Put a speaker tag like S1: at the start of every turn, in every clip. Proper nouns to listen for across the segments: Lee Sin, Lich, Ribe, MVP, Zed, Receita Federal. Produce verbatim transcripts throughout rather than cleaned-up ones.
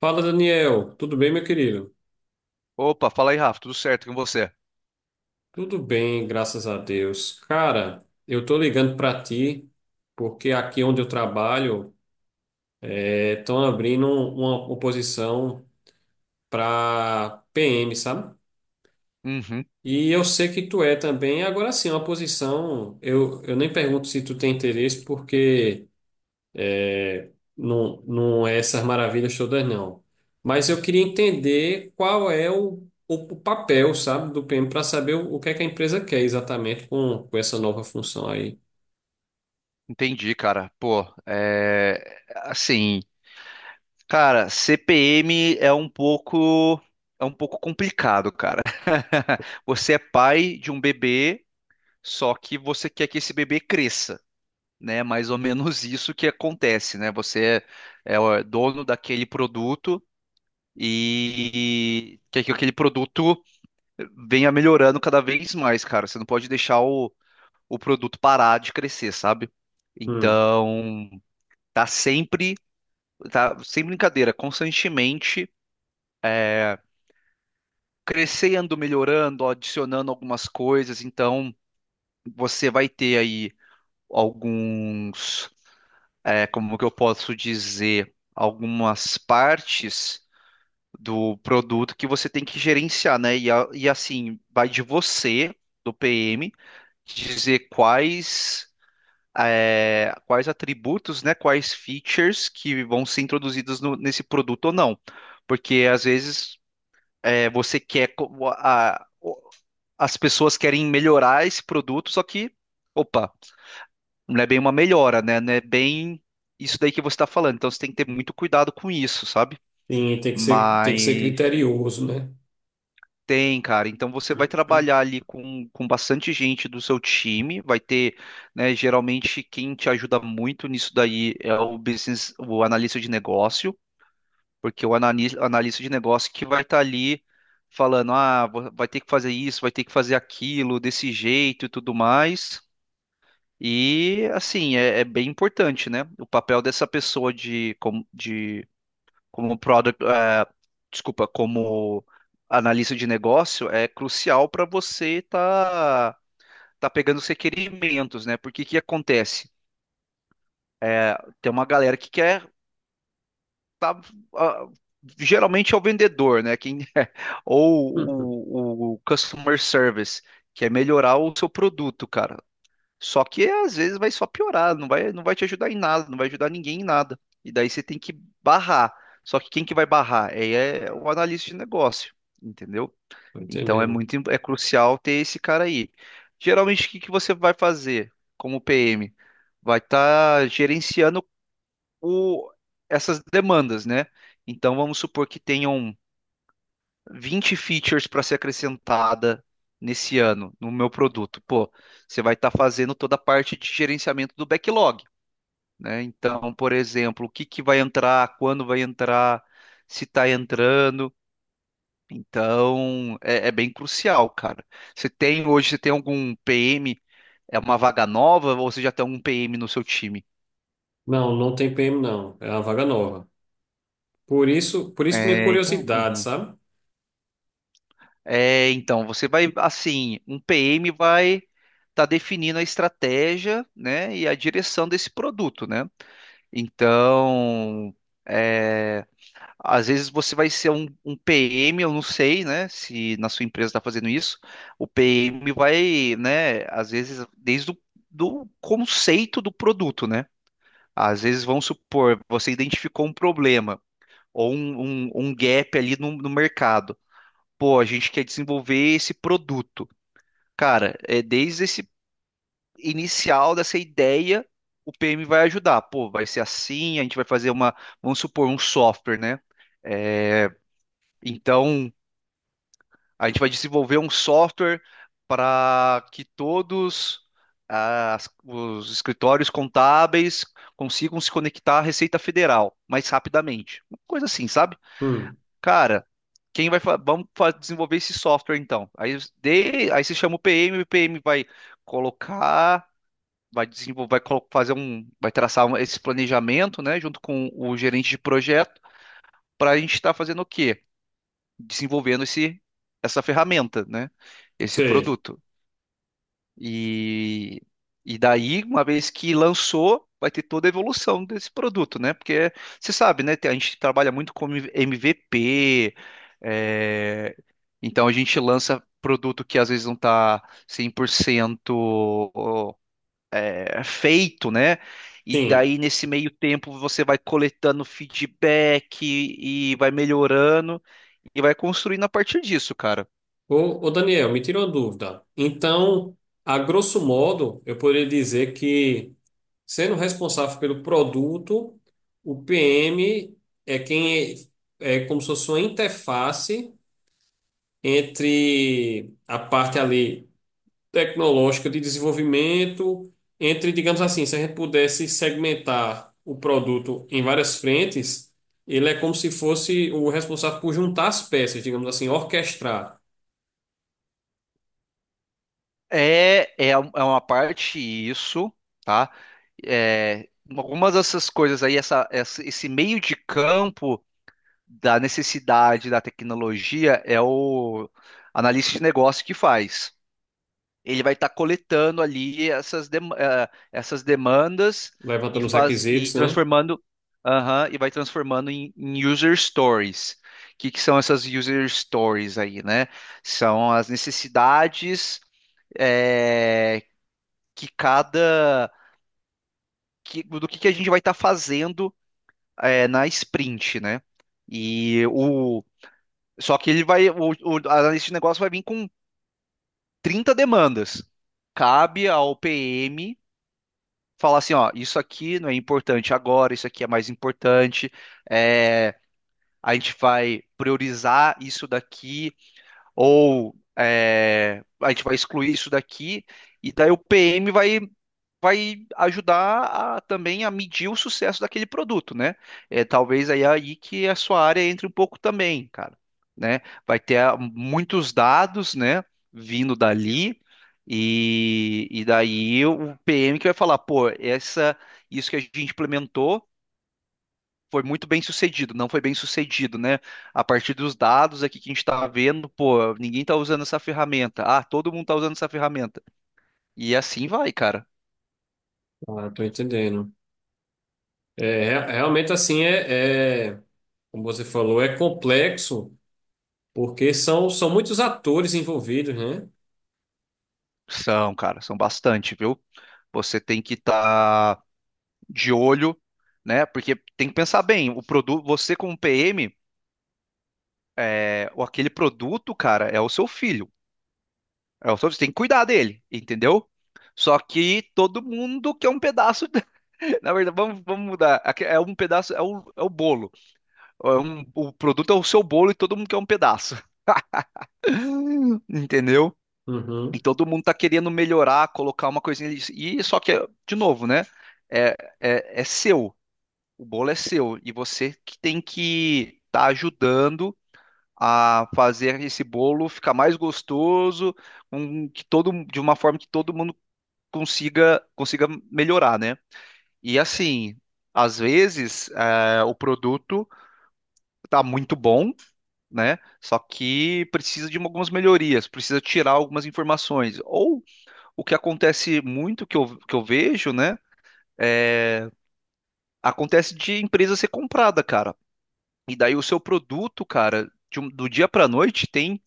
S1: Fala, Daniel. Tudo bem, meu querido?
S2: Opa, fala aí, Rafa, tudo certo com você?
S1: Tudo bem, graças a Deus. Cara, eu tô ligando pra ti porque aqui onde eu trabalho estão abrindo uma oposição pra P M, sabe?
S2: Uhum,
S1: E eu sei que tu é também. Agora sim, uma posição, eu, eu nem pergunto se tu tem interesse porque não, não é essas maravilhas todas, não. Mas eu queria entender qual é o, o, o papel, sabe, do P M para saber o, o que é que a empresa quer exatamente com, com essa nova função aí.
S2: entendi, cara. Pô, é assim, cara, C P M é um pouco é um pouco complicado, cara. Você é pai de um bebê, só que você quer que esse bebê cresça, né? Mais ou menos isso que acontece, né? Você é, é o é dono daquele produto e quer que aquele produto venha melhorando cada vez mais, cara. Você não pode deixar o o produto parar de crescer, sabe?
S1: Hum.
S2: Então, tá sempre, tá sem brincadeira, constantemente é, crescendo, melhorando, adicionando algumas coisas. Então, você vai ter aí alguns, é, como que eu posso dizer, algumas partes do produto que você tem que gerenciar, né? E, a- e assim, vai de você, do P M, dizer quais. É, quais atributos, né, quais features que vão ser introduzidos no- nesse produto ou não. Porque às vezes é, você quer, co- a- o- as pessoas querem melhorar esse produto, só que, opa, não é bem uma melhora, né? Não é bem isso daí que você está falando. Então você tem que ter muito cuidado com isso, sabe?
S1: Sim, tem que ser, tem que ser
S2: Mas
S1: criterioso, né?
S2: tem, cara. Então você vai trabalhar ali com, com bastante gente do seu time. Vai ter, né, geralmente quem te ajuda muito nisso daí é o business, o analista de negócio, porque o analis- analista de negócio que vai estar ali falando, ah, vo- vai ter que fazer isso, vai ter que fazer aquilo, desse jeito e tudo mais. E assim, é, é bem importante, né? O papel dessa pessoa de, como- de como product, eh, desculpa, como analista de negócio é crucial para você tá tá pegando os requerimentos, né? Porque que acontece? É, tem uma galera que quer tá, ah, geralmente é o vendedor, né? Quem ou
S1: Uhum.
S2: o, o customer service, que é melhorar o seu produto, cara. Só que às vezes vai só piorar, não vai, não vai te ajudar em nada, não vai ajudar ninguém em nada. E daí você tem que barrar. Só que quem que vai barrar? É, é o analista de negócio, entendeu?
S1: Tô
S2: Então é
S1: entendendo.
S2: muito, im- é crucial ter esse cara aí. Geralmente o que que você vai fazer como P M? Vai estar gerenciando o, essas demandas, né? Então vamos supor que tenham vinte features para ser acrescentada nesse ano no meu produto. Pô, você vai estar fazendo toda a parte de gerenciamento do backlog, né? Então, por exemplo, o que que vai entrar, quando vai entrar, se está entrando. Então, é, é bem crucial, cara. Você tem hoje, você tem algum P M? É uma vaga nova ou você já tem algum P M no seu time?
S1: Não, não tem P M, não. É uma vaga nova. Por isso, por isso minha
S2: É, então.
S1: curiosidade,
S2: Uhum.
S1: sabe?
S2: É, então, você vai, assim, um P M vai estar definindo a estratégia, né, e a direção desse produto, né? Então, é, às vezes você vai ser um, um P M, eu não sei, né, se na sua empresa está fazendo isso, o P M vai, né, às vezes, desde o do conceito do produto, né? Às vezes, vamos supor, você identificou um problema ou um, um- um gap ali no no mercado. Pô, a gente quer desenvolver esse produto. Cara, é desde esse inicial dessa ideia, o P M vai ajudar. Pô, vai ser assim, a gente vai fazer uma, vamos supor, um software, né? É, então, a gente vai desenvolver um software para que todos as- os escritórios contábeis consigam se conectar à Receita Federal mais rapidamente. Uma coisa assim, sabe?
S1: Hum.
S2: Cara, quem vai fa- vamos fa- desenvolver esse software então? Aí, de- aí você chama o P M, o P M vai colocar vai desenvolver, vai colo- fazer um, vai traçar um- esse planejamento, né, junto com o gerente de projeto, para a gente estar fazendo o quê? Desenvolvendo esse, essa ferramenta, né, esse
S1: Sei.
S2: produto. E, e daí, uma vez que lançou, vai ter toda a evolução desse produto, né, porque você sabe, né, tem- a gente trabalha muito com M V P, é, então a gente lança produto que às vezes não está cem por cento é, feito, né? E
S1: Sim.
S2: daí, nesse meio tempo, você vai coletando feedback e vai melhorando e vai construindo a partir disso, cara.
S1: Ô, ô Daniel, me tira uma dúvida. Então, a grosso modo, eu poderia dizer que, sendo responsável pelo produto, o P M é quem é, é como se fosse uma interface entre a parte ali tecnológica de desenvolvimento, entre, digamos assim, se a gente pudesse segmentar o produto em várias frentes, ele é como se fosse o responsável por juntar as peças, digamos assim, orquestrar,
S2: É, é, um- é uma parte isso, tá? É, algumas dessas coisas aí, essa, essa- esse meio de campo da necessidade da tecnologia é o analista de negócio que faz. Ele vai estar coletando ali essas, dem- eh, essas demandas e
S1: levantando os
S2: faz e
S1: requisitos, né?
S2: transformando aham, e vai transformando em, em user stories. O que, que são essas user stories aí, né? São as necessidades eh, que cada que, do que, que a gente vai estar fazendo eh, na sprint, né? E o Só que ele vai o, o analista de negócio vai vir com trinta demandas. Cabe ao P M falar assim, ó, isso aqui não é importante agora, isso aqui é mais importante, é, a gente vai priorizar isso daqui, ou é, a gente vai excluir isso daqui, e daí o P M vai vai ajudar a- também a medir o sucesso daquele produto, né? É talvez aí, é aí que a sua área entre um pouco também, cara, né? Vai ter ah, muitos dados, né, vindo dali e, e daí o P M que vai falar, pô, essa isso que a gente implementou foi muito bem sucedido, não foi bem sucedido, né? A partir dos dados aqui que a gente está vendo, pô, ninguém está usando essa ferramenta. Ah, todo mundo está usando essa ferramenta. E assim vai, cara.
S1: Ah, tô entendendo. É, rea- realmente assim é, é, como você falou, é complexo. Porque são, são muitos atores envolvidos, né?
S2: São, cara, são bastante, viu? Você tem que estar de olho, né? Porque tem que pensar bem, o produto, você como P M, é, o- aquele produto, cara, é o seu filho. É o seu, você tem que cuidar dele, entendeu? Só que todo mundo quer um pedaço. Na verdade, vamos, vamos mudar. Aqui é um pedaço, é o, é o bolo. É um- o produto é o seu bolo e todo mundo quer um pedaço. Entendeu? E
S1: Uhum.
S2: todo mundo tá querendo melhorar, colocar uma coisinha ali. E só que, de novo, né? É, é, é seu. O bolo é seu e você que tem que estar ajudando a fazer esse bolo ficar mais gostoso, um, que todo, de uma forma que todo mundo consiga consiga melhorar, né? E assim, às vezes eh, o produto tá muito bom, né? Só que precisa de algumas melhorias, precisa tirar algumas informações. Ou o que acontece muito que eu, que eu vejo, né? É, acontece de empresa ser comprada, cara. E daí o seu produto, cara, de um- do dia para noite tem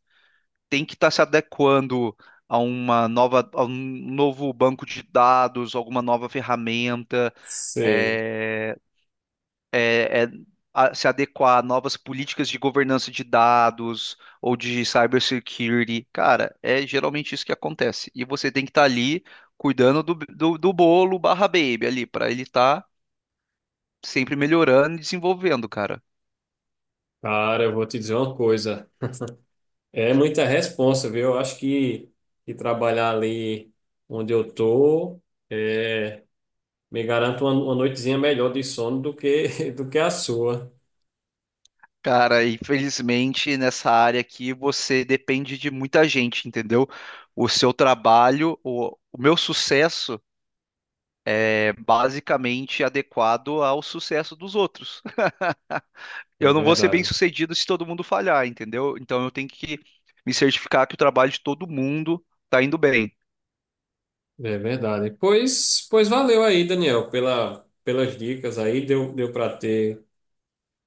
S2: tem que estar se adequando a uma nova, a um novo banco de dados, alguma nova ferramenta,
S1: Sei.
S2: é, é- é a- se adequar a novas políticas de governança de dados ou de cybersecurity. Cara, é geralmente isso que acontece. E você tem que estar ali cuidando do, do, do bolo barra baby ali, para ele estar sempre melhorando e desenvolvendo, cara.
S1: Cara, eu vou te dizer uma coisa. É muita responsa, viu? Eu acho que, que trabalhar ali onde eu tô é, me garante uma, uma noitezinha melhor de sono do que, do que a sua.
S2: Cara, infelizmente nessa área aqui você depende de muita gente, entendeu? O seu trabalho, o, o meu sucesso é basicamente adequado ao sucesso dos outros.
S1: É
S2: Eu não vou ser bem
S1: verdade.
S2: sucedido se todo mundo falhar, entendeu? Então eu tenho que me certificar que o trabalho de todo mundo tá indo bem.
S1: É verdade. Pois, pois valeu aí, Daniel, pela, pelas dicas aí. Deu, deu para ter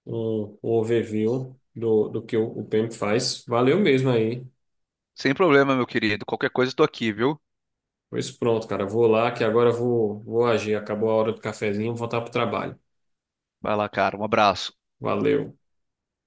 S1: um, um overview do, do que o, o P E M faz. Valeu mesmo aí.
S2: Sem problema, meu querido. Qualquer coisa eu tô aqui, viu?
S1: Pois pronto, cara. Vou lá que agora eu vou, vou agir. Acabou a hora do cafezinho, vou voltar pro trabalho.
S2: Vai lá, cara. Um abraço.
S1: Valeu.